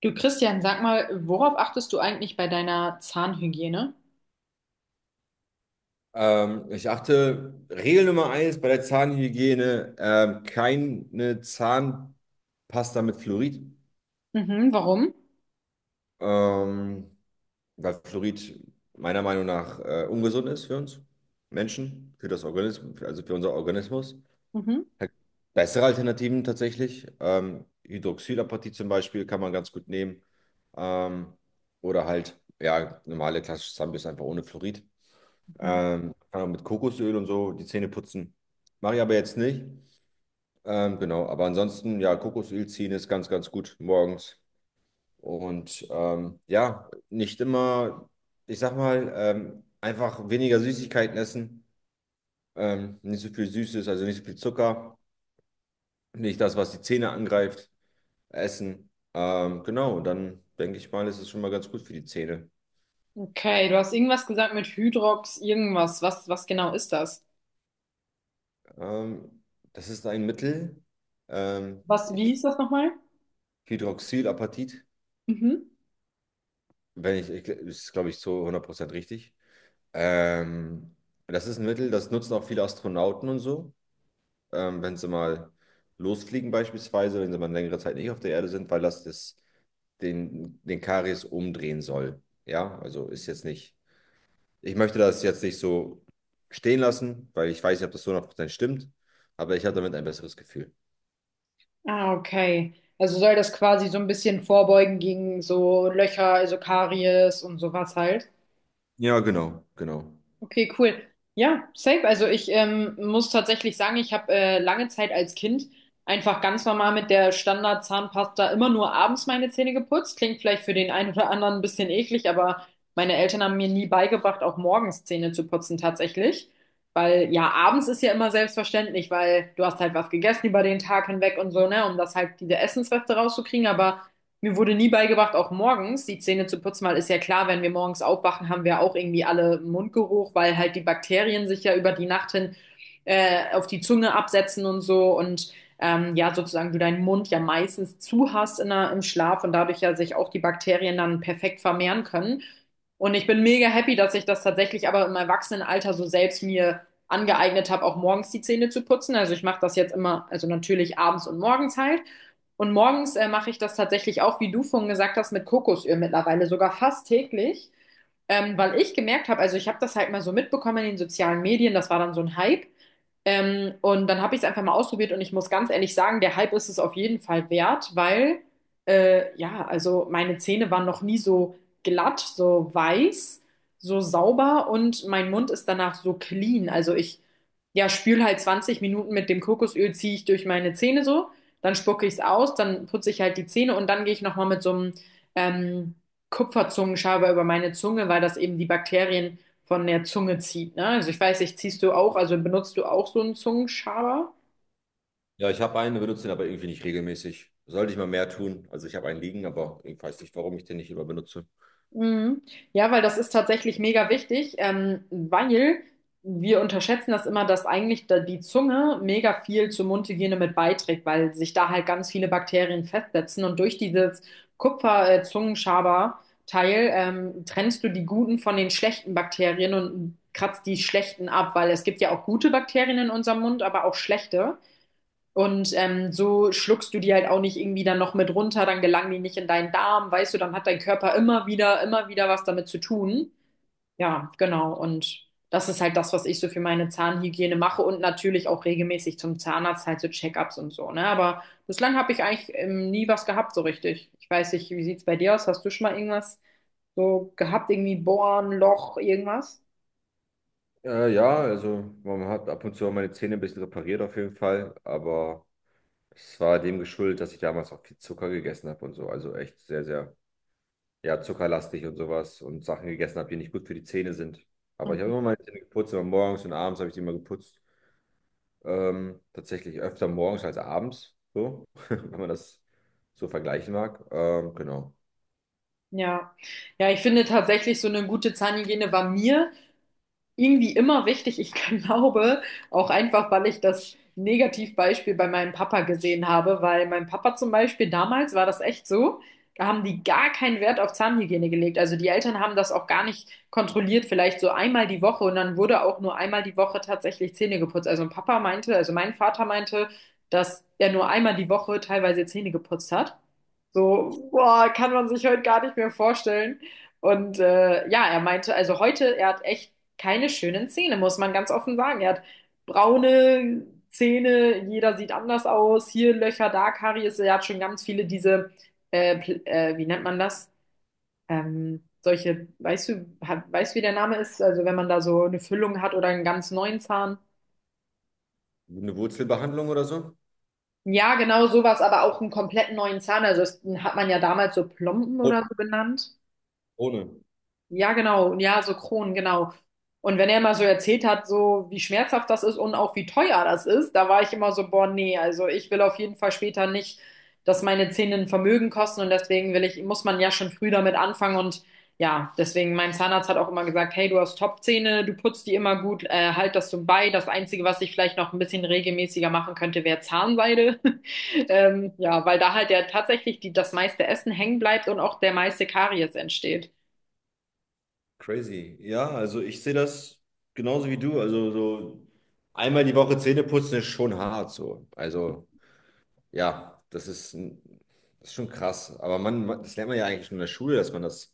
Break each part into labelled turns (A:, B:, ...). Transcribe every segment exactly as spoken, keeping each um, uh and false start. A: Du Christian, sag mal, worauf achtest du eigentlich bei deiner Zahnhygiene?
B: Ähm, ich achte, Regel Nummer eins bei der Zahnhygiene, ähm, keine Zahnpasta mit Fluorid,
A: Mhm, warum?
B: ähm, weil Fluorid meiner Meinung nach äh, ungesund ist für uns Menschen, für das Organismus, also für unser Organismus.
A: Mhm.
B: Bessere Alternativen tatsächlich, ähm, Hydroxylapatit zum Beispiel kann man ganz gut nehmen, ähm, oder halt, ja, normale klassische Zahnbürste einfach ohne Fluorid.
A: Mhm.
B: Ähm, kann auch mit Kokosöl und so die Zähne putzen. Mache ich aber jetzt nicht. Ähm, genau, aber ansonsten, ja, Kokosöl ziehen ist ganz, ganz gut morgens. Und ähm, ja, nicht immer, ich sag mal, ähm, einfach weniger Süßigkeiten essen. Ähm, nicht so viel Süßes, also nicht so viel Zucker. Nicht das, was die Zähne angreift, essen. Ähm, genau, und dann denke ich mal, ist es schon mal ganz gut für die Zähne.
A: Okay, du hast irgendwas gesagt mit Hydrox, irgendwas. Was, was genau ist das?
B: Ähm, das ist ein Mittel, ähm,
A: Was, wie ist das nochmal?
B: Hydroxylapatit.
A: Mhm.
B: Wenn ich, ich ist, glaube ich, zu hundert Prozent richtig. Ähm, das ist ein Mittel, das nutzen auch viele Astronauten und so, ähm, wenn sie mal losfliegen beispielsweise, wenn sie mal eine längere Zeit nicht auf der Erde sind, weil das, das den, den Karies umdrehen soll. Ja, also ist jetzt nicht, ich möchte das jetzt nicht so stehen lassen, weil ich weiß nicht, ob das zu hundert Prozent stimmt, aber ich habe damit ein besseres Gefühl.
A: Ah, okay. Also soll das quasi so ein bisschen vorbeugen gegen so Löcher, also Karies und sowas halt?
B: Ja, genau, genau.
A: Okay, cool. Ja, safe. Also ich ähm, muss tatsächlich sagen, ich habe äh, lange Zeit als Kind einfach ganz normal mit der Standard-Zahnpasta immer nur abends meine Zähne geputzt. Klingt vielleicht für den einen oder anderen ein bisschen eklig, aber meine Eltern haben mir nie beigebracht, auch morgens Zähne zu putzen tatsächlich. Weil ja, abends ist ja immer selbstverständlich, weil du hast halt was gegessen über den Tag hinweg und so, ne, um das halt diese Essensreste rauszukriegen. Aber mir wurde nie beigebracht, auch morgens die Zähne zu putzen, weil ist ja klar, wenn wir morgens aufwachen, haben wir auch irgendwie alle Mundgeruch, weil halt die Bakterien sich ja über die Nacht hin äh, auf die Zunge absetzen und so und ähm, ja, sozusagen du deinen Mund ja meistens zu hast in der, im Schlaf und dadurch ja sich auch die Bakterien dann perfekt vermehren können. Und ich bin mega happy, dass ich das tatsächlich aber im Erwachsenenalter so selbst mir angeeignet habe, auch morgens die Zähne zu putzen. Also ich mache das jetzt immer, also natürlich abends und morgens halt. Und morgens äh, mache ich das tatsächlich auch, wie du vorhin gesagt hast, mit Kokosöl mittlerweile, sogar fast täglich, ähm, weil ich gemerkt habe, also ich habe das halt mal so mitbekommen in den sozialen Medien, das war dann so ein Hype. Ähm, und dann habe ich es einfach mal ausprobiert und ich muss ganz ehrlich sagen, der Hype ist es auf jeden Fall wert, weil äh, ja, also meine Zähne waren noch nie so glatt, so weiß, so sauber und mein Mund ist danach so clean. Also ich, ja, spül halt zwanzig Minuten mit dem Kokosöl, ziehe ich durch meine Zähne so, dann spucke ich es aus, dann putze ich halt die Zähne und dann gehe ich nochmal mit so einem ähm, Kupferzungenschaber über meine Zunge, weil das eben die Bakterien von der Zunge zieht. Ne? Also ich weiß nicht, ziehst du auch, also benutzt du auch so einen Zungenschaber?
B: Ja, ich habe einen, benutze den aber irgendwie nicht regelmäßig. Sollte ich mal mehr tun. Also ich habe einen liegen, aber ich weiß nicht, warum ich den nicht immer benutze.
A: Mhm. Ja, weil das ist tatsächlich mega wichtig, ähm, weil wir unterschätzen das immer, dass eigentlich da die Zunge mega viel zur Mundhygiene mit beiträgt, weil sich da halt ganz viele Bakterien festsetzen und durch dieses Kupfer-Zungenschaber-Teil ähm, trennst du die guten von den schlechten Bakterien und kratzt die schlechten ab, weil es gibt ja auch gute Bakterien in unserem Mund, aber auch schlechte. Und ähm, so schluckst du die halt auch nicht irgendwie dann noch mit runter, dann gelangen die nicht in deinen Darm, weißt du, dann hat dein Körper immer wieder, immer wieder was damit zu tun. Ja, genau. Und das ist halt das, was ich so für meine Zahnhygiene mache und natürlich auch regelmäßig zum Zahnarzt halt so Check-ups und so, ne? Aber bislang habe ich eigentlich ähm, nie was gehabt so richtig. Ich weiß nicht, wie sieht's bei dir aus? Hast du schon mal irgendwas so gehabt, irgendwie Bohren, Loch, irgendwas?
B: Äh, ja, also man hat ab und zu auch meine Zähne ein bisschen repariert auf jeden Fall, aber es war dem geschuldet, dass ich damals auch viel Zucker gegessen habe und so. Also echt sehr, sehr, ja, zuckerlastig und sowas und Sachen gegessen habe, die nicht gut für die Zähne sind. Aber ich habe
A: Mhm.
B: immer meine Zähne geputzt, immer morgens und abends habe ich die immer geputzt. Ähm, tatsächlich öfter morgens als abends, so, wenn man das so vergleichen mag. Ähm, genau.
A: Ja. Ja, ich finde tatsächlich so eine gute Zahnhygiene war mir irgendwie immer wichtig. Ich glaube, auch einfach, weil ich das Negativbeispiel bei meinem Papa gesehen habe, weil mein Papa zum Beispiel damals war das echt so. Da haben die gar keinen Wert auf Zahnhygiene gelegt. Also die Eltern haben das auch gar nicht kontrolliert, vielleicht so einmal die Woche und dann wurde auch nur einmal die Woche tatsächlich Zähne geputzt. Also Papa meinte, also mein Vater meinte, dass er nur einmal die Woche teilweise Zähne geputzt hat. So, boah, kann man sich heute gar nicht mehr vorstellen. Und äh, ja, er meinte, also heute, er hat echt keine schönen Zähne, muss man ganz offen sagen. Er hat braune Zähne, jeder sieht anders aus, hier Löcher, da Karies, er hat schon ganz viele diese, äh, Pl- äh, wie nennt man das? Ähm, solche, weißt du, ha- weißt du, wie der Name ist? Also wenn man da so eine Füllung hat oder einen ganz neuen Zahn.
B: Eine Wurzelbehandlung oder so?
A: Ja, genau sowas, aber auch einen komplett neuen Zahn. Also das hat man ja damals so Plomben
B: Ohne.
A: oder so genannt.
B: Ohne.
A: Ja, genau. Ja, so Kronen, genau. Und wenn er mal so erzählt hat, so wie schmerzhaft das ist und auch wie teuer das ist, da war ich immer so, boah, nee, also ich will auf jeden Fall später nicht, dass meine Zähne ein Vermögen kosten und deswegen will ich, muss man ja schon früh damit anfangen und ja, deswegen mein Zahnarzt hat auch immer gesagt, hey, du hast Top-Zähne, du putzt die immer gut, äh, halt das so bei. Das Einzige, was ich vielleicht noch ein bisschen regelmäßiger machen könnte, wäre Zahnseide. Ähm, ja, weil da halt ja tatsächlich die, das meiste Essen hängen bleibt und auch der meiste Karies entsteht.
B: Crazy. Ja, also ich sehe das genauso wie du. Also so einmal die Woche Zähne putzen ist schon hart so. Also ja, das ist, ein- das ist schon krass. Aber man, man- das lernt man ja eigentlich schon in der Schule, dass man das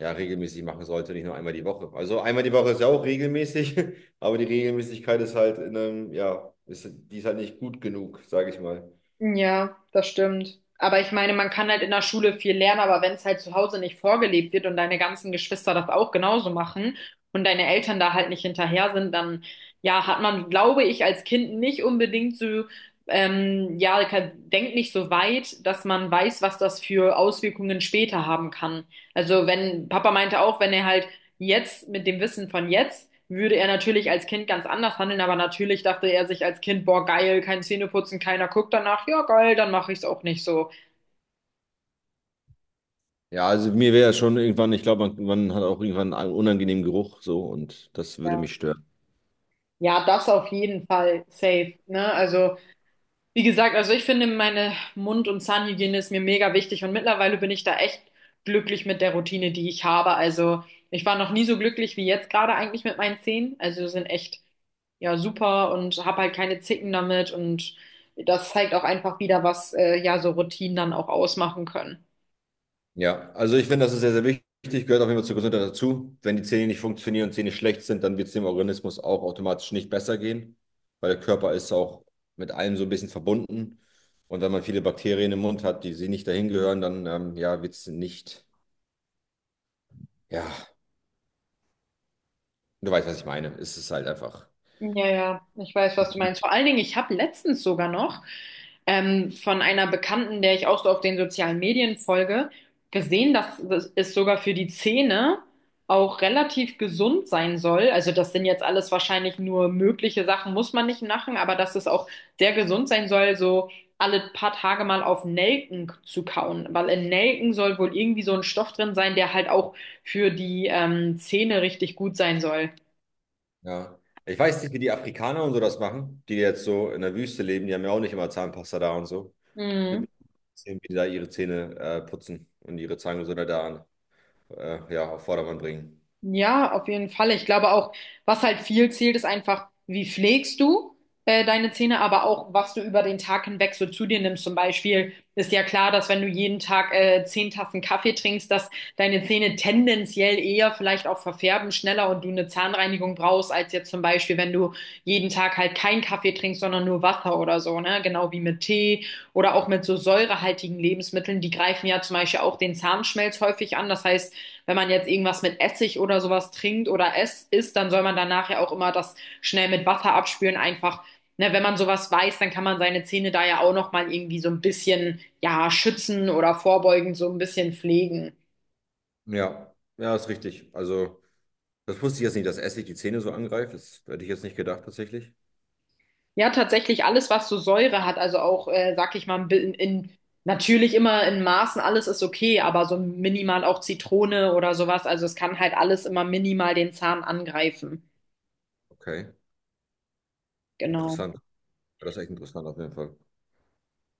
B: ja regelmäßig machen sollte, nicht nur einmal die Woche. Also einmal die Woche ist ja auch regelmäßig, aber die Regelmäßigkeit ist halt in einem, ja, ist, die ist halt nicht gut genug, sage ich mal.
A: Ja, das stimmt. Aber ich meine, man kann halt in der Schule viel lernen, aber wenn es halt zu Hause nicht vorgelebt wird und deine ganzen Geschwister das auch genauso machen und deine Eltern da halt nicht hinterher sind, dann ja, hat man, glaube ich, als Kind nicht unbedingt so, ähm, ja, kann- denkt nicht so weit, dass man weiß, was das für Auswirkungen später haben kann. Also wenn, Papa meinte auch, wenn er halt. Jetzt, mit dem Wissen von jetzt, würde er natürlich als Kind ganz anders handeln, aber natürlich dachte er sich als Kind, boah, geil, kein Zähneputzen, keiner guckt danach, ja, geil, dann mache ich es auch nicht so.
B: Ja, also mir wäre schon irgendwann, ich glaube, man, man hat auch irgendwann einen unangenehmen Geruch so und das würde
A: Ja.
B: mich stören.
A: Ja, das auf jeden Fall safe, ne? Also, wie gesagt, also ich finde meine Mund- und Zahnhygiene ist mir mega wichtig und mittlerweile bin ich da echt glücklich mit der Routine, die ich habe. Also ich war noch nie so glücklich wie jetzt gerade eigentlich mit meinen Zähnen. Also sind echt ja super und habe halt keine Zicken damit und das zeigt auch einfach wieder, was äh, ja so Routinen dann auch ausmachen können.
B: Ja, also ich finde, das ist sehr, sehr wichtig, gehört auf jeden Fall zur Gesundheit dazu. Wenn die Zähne nicht funktionieren und Zähne schlecht sind, dann wird es dem Organismus auch automatisch nicht besser gehen, weil der Körper ist auch mit allem so ein bisschen verbunden. Und wenn man viele Bakterien im Mund hat, die sie nicht dahin gehören, dann ähm, ja, wird es nicht, ja, du weißt, was ich meine. Es ist halt einfach,
A: Ja, ja, ich weiß, was du meinst. Vor allen Dingen, ich habe letztens sogar noch ähm, von einer Bekannten, der ich auch so auf den sozialen Medien folge, gesehen, dass es sogar für die Zähne auch relativ gesund sein soll. Also das sind jetzt alles wahrscheinlich nur mögliche Sachen, muss man nicht machen, aber dass es auch sehr gesund sein soll, so alle paar Tage mal auf Nelken zu kauen, weil in Nelken soll wohl irgendwie so ein Stoff drin sein, der halt auch für die ähm, Zähne richtig gut sein soll.
B: ja. Ich weiß nicht, wie die Afrikaner und so das machen, die jetzt so in der Wüste leben, die haben ja auch nicht immer Zahnpasta da und so. Wird
A: Mhm.
B: mich sehen, wie die da ihre Zähne äh, putzen und ihre Zahngesundheit da äh, ja, auf Vordermann bringen.
A: Ja, auf jeden Fall. Ich glaube auch, was halt viel zählt, ist einfach, wie pflegst du äh, deine Zähne, aber auch, was du über den Tag hinweg so zu dir nimmst. Zum Beispiel ist ja klar, dass wenn du jeden Tag äh, zehn Tassen Kaffee trinkst, dass deine Zähne tendenziell eher vielleicht auch verfärben schneller und du eine Zahnreinigung brauchst, als jetzt zum Beispiel, wenn du jeden Tag halt keinen Kaffee trinkst, sondern nur Wasser oder so, ne? Genau wie mit Tee oder auch mit so säurehaltigen Lebensmitteln. Die greifen ja zum Beispiel auch den Zahnschmelz häufig an. Das heißt, wenn man jetzt irgendwas mit Essig oder sowas trinkt oder es isst, dann soll man danach ja auch immer das schnell mit Wasser abspülen. Einfach, ne, wenn man sowas weiß, dann kann man seine Zähne da ja auch nochmal irgendwie so ein bisschen, ja, schützen oder vorbeugend so ein bisschen pflegen.
B: Ja, ja, ist richtig. Also, das wusste ich jetzt nicht, dass Essig die Zähne so angreift. Das hätte ich jetzt nicht gedacht, tatsächlich.
A: Ja, tatsächlich alles, was so Säure hat, also auch, äh, sag ich mal, ein bi- in, natürlich immer in Maßen, alles ist okay, aber so minimal auch Zitrone oder sowas. Also es kann halt alles immer minimal den Zahn angreifen.
B: Okay,
A: Genau.
B: interessant. Ja, das ist echt interessant auf jeden Fall.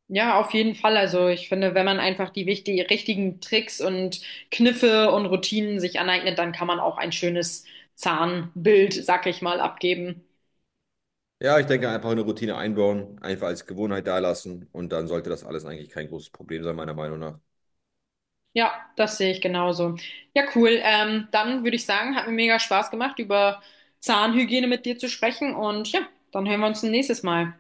A: Ja, auf jeden Fall. Also ich finde, wenn man einfach die wichtig richtigen Tricks und Kniffe und Routinen sich aneignet, dann kann man auch ein schönes Zahnbild, sag ich mal, abgeben.
B: Ja, ich denke, einfach eine Routine einbauen, einfach als Gewohnheit da lassen und dann sollte das alles eigentlich kein großes Problem sein, meiner Meinung nach.
A: Ja, das sehe ich genauso. Ja, cool. Ähm, dann würde ich sagen, hat mir mega Spaß gemacht, über Zahnhygiene mit dir zu sprechen und ja, dann hören wir uns ein nächstes Mal.